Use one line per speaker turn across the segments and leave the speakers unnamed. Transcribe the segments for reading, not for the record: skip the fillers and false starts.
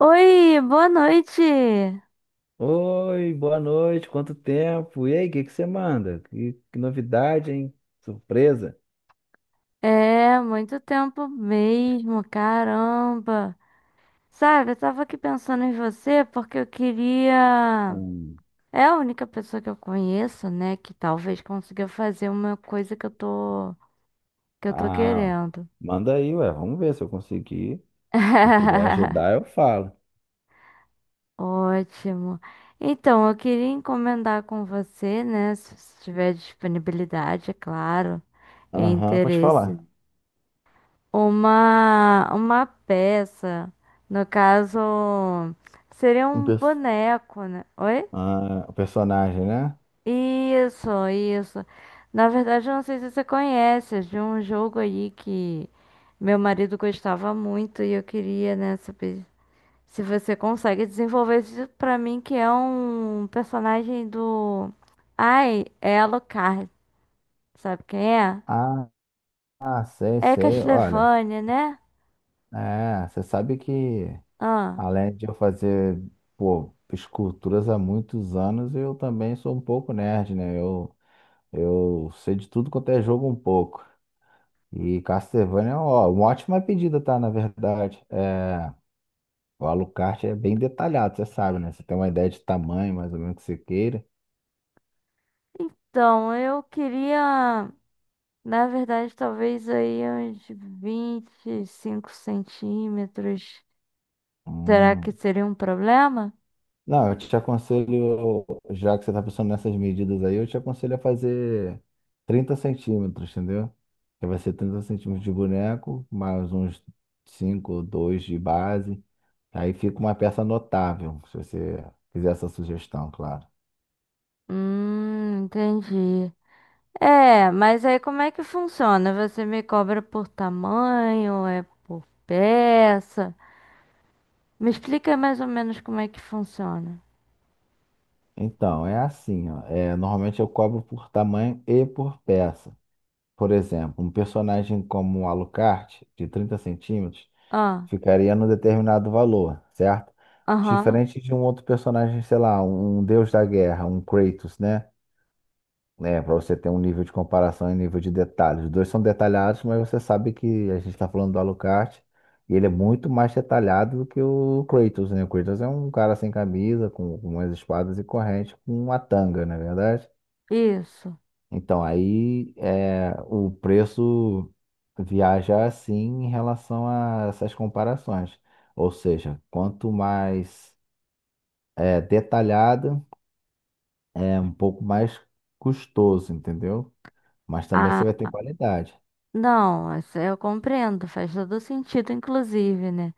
Oi, boa noite.
Oi, boa noite, quanto tempo? E aí, o que que você manda? Que novidade, hein? Surpresa?
É, muito tempo mesmo, caramba. Sabe, eu tava aqui pensando em você porque eu queria.
Hum.
É a única pessoa que eu conheço, né, que talvez consiga fazer uma coisa que eu tô
Ah,
querendo.
manda aí, ué, vamos ver se eu conseguir. Se eu puder ajudar, eu falo.
Ótimo. Então, eu queria encomendar com você, né, se você tiver disponibilidade, é claro, e
Aham, pode
interesse.
falar.
Uma peça, no caso, seria
Um
um
perso-
boneco, né? Oi?
o personagem, né?
Isso, isso. Na verdade, eu não sei se você conhece, é de um jogo aí que meu marido gostava muito e eu queria, né, saber se você consegue desenvolver isso pra mim, que é um personagem do... Ai, é Alucard, sabe quem é?
Ah, ah, sei,
É
sei. Olha,
Castlevania, né?
você sabe que
Ah,
além de eu fazer, pô, esculturas há muitos anos, eu também sou um pouco nerd, né? Eu sei de tudo quanto é jogo um pouco. E Castlevania, é ó, uma ótima pedida, tá? Na verdade, o Alucard é bem detalhado, você sabe, né? Você tem uma ideia de tamanho, mais ou menos, que você queira.
então, eu queria... Na verdade, talvez aí uns 25 centímetros. Será que
Hum.
seria um problema?
Não, eu te aconselho, já que você tá pensando nessas medidas aí, eu te aconselho a fazer 30 centímetros, entendeu? Que vai ser 30 centímetros de boneco, mais uns 5 ou 2 de base. Aí fica uma peça notável, se você fizer essa sugestão, claro.
Entendi. É, mas aí como é que funciona? Você me cobra por tamanho, é por peça? Me explica mais ou menos como é que funciona.
Então, é assim, ó. Normalmente eu cobro por tamanho e por peça. Por exemplo, um personagem como o Alucard, de 30 centímetros,
Ah,
ficaria num determinado valor, certo?
aham,
Diferente de um outro personagem, sei lá, um deus da guerra, um Kratos, né? Né, Para você ter um nível de comparação e nível de detalhes. Os dois são detalhados, mas você sabe que a gente está falando do Alucard e ele é muito mais detalhado do que o Kratos, né? O Kratos é um cara sem camisa, com umas espadas e corrente, com uma tanga, não é verdade?
isso.
Então aí o preço viaja assim em relação a essas comparações. Ou seja, quanto mais detalhado, é um pouco mais custoso, entendeu? Mas também
Ah,
você vai ter qualidade.
não, essa eu compreendo, faz todo sentido, inclusive, né?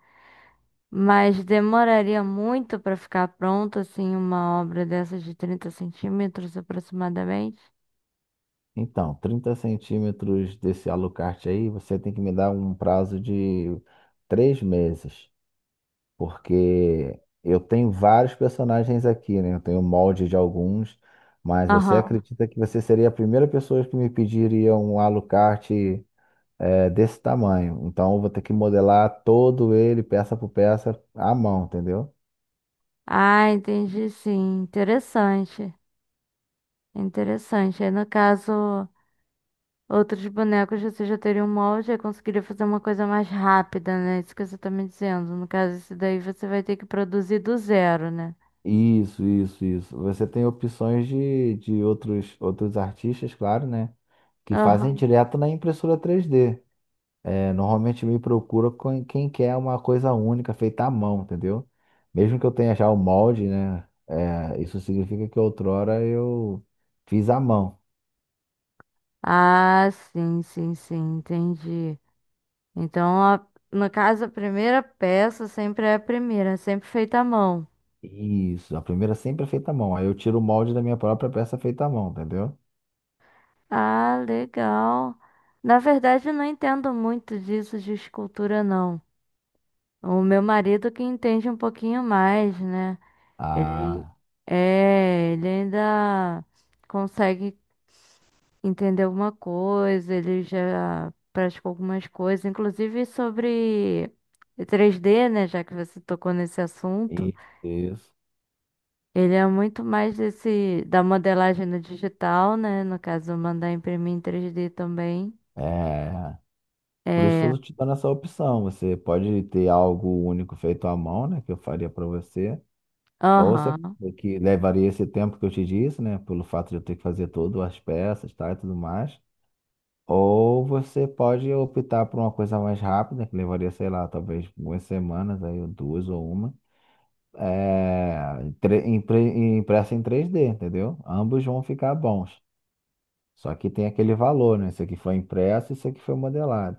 Mas demoraria muito para ficar pronta, assim, uma obra dessas de 30 centímetros aproximadamente?
Então, 30 centímetros desse Alucard aí, você tem que me dar um prazo de 3 meses, porque eu tenho vários personagens aqui, né? Eu tenho molde de alguns, mas você
Aham.
acredita que você seria a primeira pessoa que me pediria um Alucard, desse tamanho? Então, eu vou ter que modelar todo ele, peça por peça, à mão, entendeu?
Ah, entendi, sim. Interessante. Interessante. Aí, no caso, outros bonecos você já teria um molde e conseguiria fazer uma coisa mais rápida, né? Isso que você tá me dizendo. No caso, esse daí você vai ter que produzir do zero, né?
Isso, isso, isso. Você tem opções de outros artistas, claro, né? Que fazem
Aham.
direto na impressora 3D. Normalmente me procura com quem quer uma coisa única feita à mão, entendeu? Mesmo que eu tenha já o molde, né? Isso significa que outrora eu fiz à mão.
Ah, sim, sim, sim. Entendi. Então, no caso, a primeira peça sempre é a primeira, é sempre feita à mão.
Isso, a primeira sempre é feita à mão. Aí eu tiro o molde da minha própria peça feita à mão, entendeu?
Ah, legal. Na verdade, eu não entendo muito disso de escultura, não. O meu marido que entende um pouquinho mais, né? Ele
Ah,
é, ele ainda consegue entender alguma coisa, ele já praticou algumas coisas, inclusive sobre 3D, né? Já que você tocou nesse assunto.
isso.
Ele é muito mais desse da modelagem no digital, né? No caso, mandar imprimir em 3D também.
É. Por isso
É,
eu te dando essa opção. Você pode ter algo único feito à mão, né? Que eu faria para você. Ou você
aham.
que levaria esse tempo que eu te disse, né? Pelo fato de eu ter que fazer todas as peças, tá? E tudo mais. Ou você pode optar por uma coisa mais rápida, que levaria, sei lá, talvez algumas semanas, aí, ou duas ou uma. Impressa em 3D, entendeu? Ambos vão ficar bons. Só que tem aquele valor, né? Isso aqui foi impresso, isso aqui foi modelado.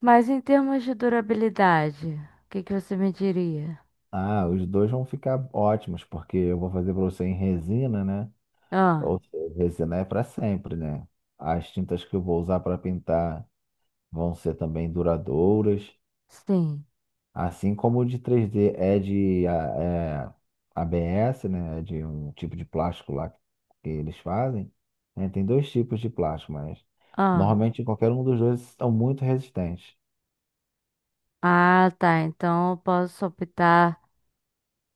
Mas em termos de durabilidade, o que que você me diria?
Ah, os dois vão ficar ótimos, porque eu vou fazer para você em resina, né?
Ah,
Ou seja, resina é para sempre, né? As tintas que eu vou usar para pintar vão ser também duradouras,
sim.
assim como o de 3D é de é, ABS, né? É de um tipo de plástico lá que eles fazem, né? Tem dois tipos de plástico, mas
Ah,
normalmente qualquer um dos dois são muito resistentes.
ah, tá. Então eu posso optar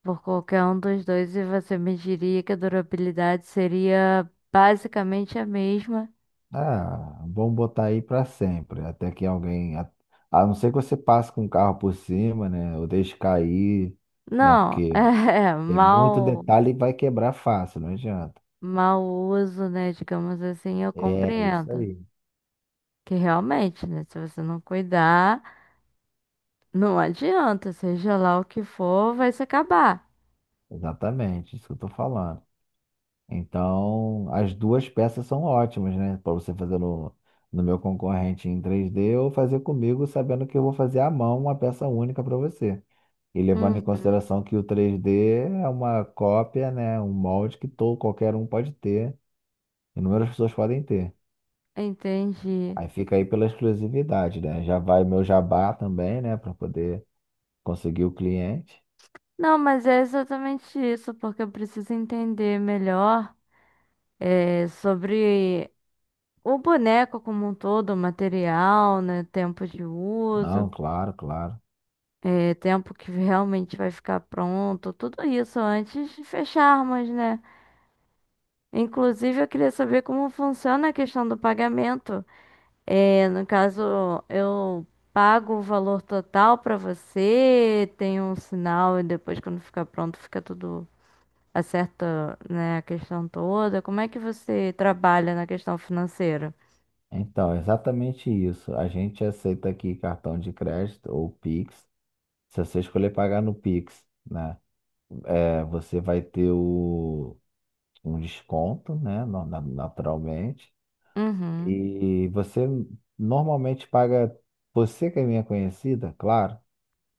por qualquer um dos dois e você me diria que a durabilidade seria basicamente a mesma.
Ah, vamos botar aí para sempre, até que alguém, a não ser que você passe com o carro por cima, né, ou deixe cair, né,
Não,
porque
é,
tem muito
mal,
detalhe e vai quebrar fácil, não adianta.
mal uso, né? Digamos assim, eu
É isso
compreendo.
aí,
Que realmente, né? Se você não cuidar, não adianta, seja lá o que for, vai se acabar.
exatamente, isso que eu tô falando. Então, as duas peças são ótimas, né, para você fazer no meu concorrente em 3D ou fazer comigo, sabendo que eu vou fazer à mão uma peça única para você. E levando em
Uhum,
consideração que o 3D é uma cópia, né? Um molde que todo, qualquer um pode ter. Inúmeras pessoas podem ter.
entendi.
Aí fica aí pela exclusividade, né? Já vai meu jabá também, né? Para poder conseguir o cliente.
Não, mas é exatamente isso, porque eu preciso entender melhor é, sobre o boneco como um todo, o material, né? Tempo de uso,
Não, claro, claro.
é, tempo que realmente vai ficar pronto, tudo isso antes de fecharmos, né? Inclusive, eu queria saber como funciona a questão do pagamento. É, no caso, eu pago o valor total pra você, tem um sinal e depois quando ficar pronto fica tudo acerta, né, a questão toda. Como é que você trabalha na questão financeira?
Então, é exatamente isso. A gente aceita aqui cartão de crédito ou Pix. Se você escolher pagar no Pix, né? Você vai ter um desconto, né? Naturalmente.
Uhum.
E você normalmente paga, você que é minha conhecida, claro,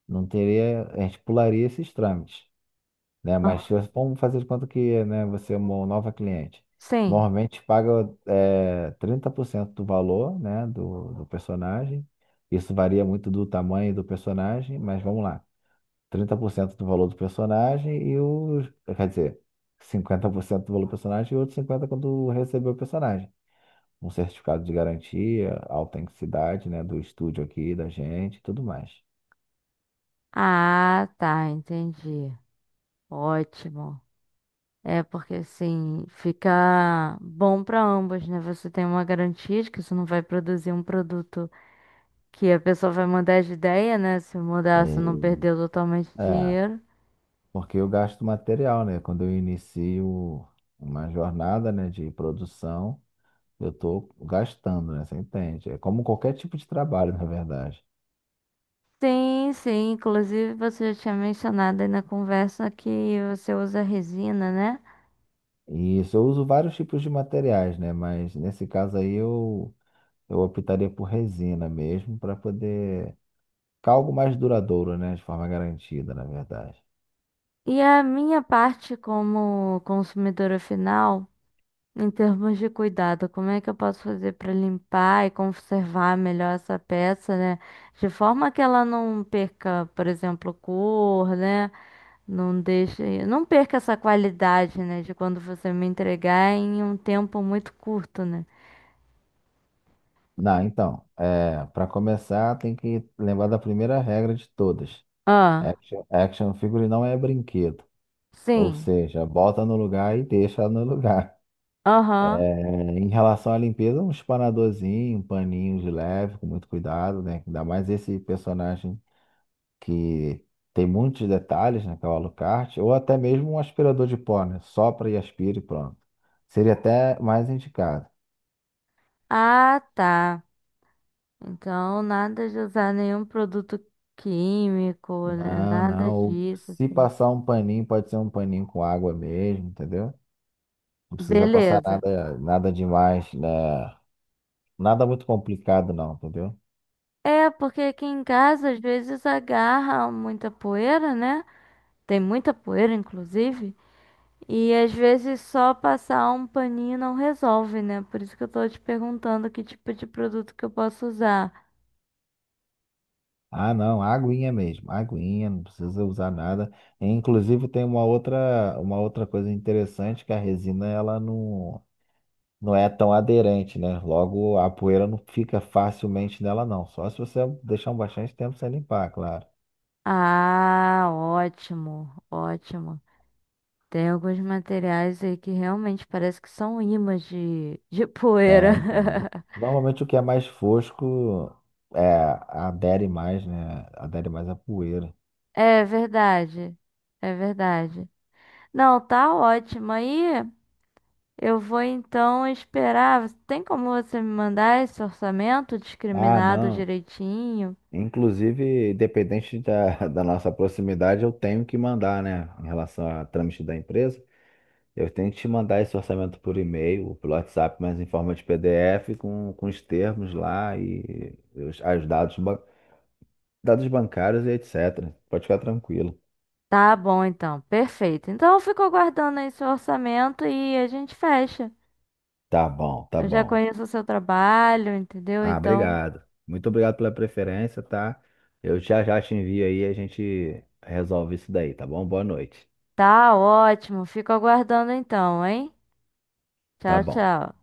não teria, a gente pularia esses trâmites, né?
Ah,
Mas se você- vamos fazer de conta que, né, você é uma nova cliente.
sim.
Normalmente paga 30% do valor, né, do personagem. Isso varia muito do tamanho do personagem, mas vamos lá. 30% do valor do personagem e os quer dizer, 50% do valor do personagem e outros 50% quando receber o personagem um certificado de garantia, autenticidade, né, do estúdio aqui, da gente, e tudo mais.
Ah, tá, entendi. Ótimo. É porque assim fica bom pra ambos, né? Você tem uma garantia de que você não vai produzir um produto que a pessoa vai mudar de ideia, né? Se mudar, se não
Hum,
perdeu totalmente o
É,
dinheiro.
porque eu gasto material, né? Quando eu inicio uma jornada, né, de produção, eu tô gastando, né? Você entende? É como qualquer tipo de trabalho, na verdade.
Sim, sim. Inclusive, você já tinha mencionado aí na conversa que você usa resina, né?
E isso, eu uso vários tipos de materiais, né? Mas nesse caso aí eu optaria por resina mesmo para poder ficar algo mais duradouro, né? De forma garantida, na verdade.
E a minha parte como consumidora final, em termos de cuidado, como é que eu posso fazer para limpar e conservar melhor essa peça, né? De forma que ela não perca, por exemplo, cor, né? Não deixe, não perca essa qualidade, né, de quando você me entregar em um tempo muito curto, né?
Não, então, para começar, tem que lembrar da primeira regra de todas.
Ah,
Action figure não é brinquedo. Ou
sim.
seja, bota no lugar e deixa no lugar.
Aham.
É, Em relação à limpeza, um espanadorzinho, um paninho de leve, com muito cuidado, né? Ainda mais esse personagem que tem muitos detalhes, né? Que é o Alucard, ou até mesmo um aspirador de pó, né? Sopra e aspira e pronto. Seria até mais indicado.
Ah, tá. Então, nada de usar nenhum produto químico, né?
Não,
Nada
não. Ou
disso.
se passar um paninho, pode ser um paninho com água mesmo, entendeu? Não precisa passar
Beleza.
nada, nada demais, né? Nada muito complicado, não, entendeu?
É, porque aqui em casa às vezes agarra muita poeira, né? Tem muita poeira, inclusive. E às vezes só passar um paninho não resolve, né? Por isso que eu tô te perguntando que tipo de produto que eu posso usar.
Ah, não, aguinha mesmo, aguinha, não precisa usar nada. E, inclusive tem uma outra coisa interessante que a resina ela não é tão aderente, né? Logo a poeira não fica facilmente nela, não. Só se você deixar um bastante tempo sem limpar, claro.
Ah, ótimo, ótimo. Tem alguns materiais aí que realmente parece que são ímãs de poeira.
Tem, tem. Normalmente o que é mais fosco é, adere mais, né? Adere mais à poeira.
É verdade, é verdade. Não, tá ótimo. Aí eu vou então esperar. Tem como você me mandar esse orçamento
Ah,
discriminado
não.
direitinho?
Inclusive, independente da, da nossa proximidade, eu tenho que mandar, né? Em relação a trâmite da empresa, eu tenho que te mandar esse orçamento por e-mail, ou pelo WhatsApp, mas em forma de PDF, com os termos lá e os dados, dados bancários e etc. Pode ficar tranquilo.
Tá bom, então. Perfeito. Então eu fico aguardando aí seu orçamento e a gente fecha.
Tá bom, tá
Eu já
bom.
conheço o seu trabalho, entendeu?
Ah,
Então,
obrigado. Muito obrigado pela preferência, tá? Eu já já te envio aí e a gente resolve isso daí, tá bom? Boa noite.
tá ótimo. Fico aguardando então, hein?
Tá
Tchau,
bom.
tchau.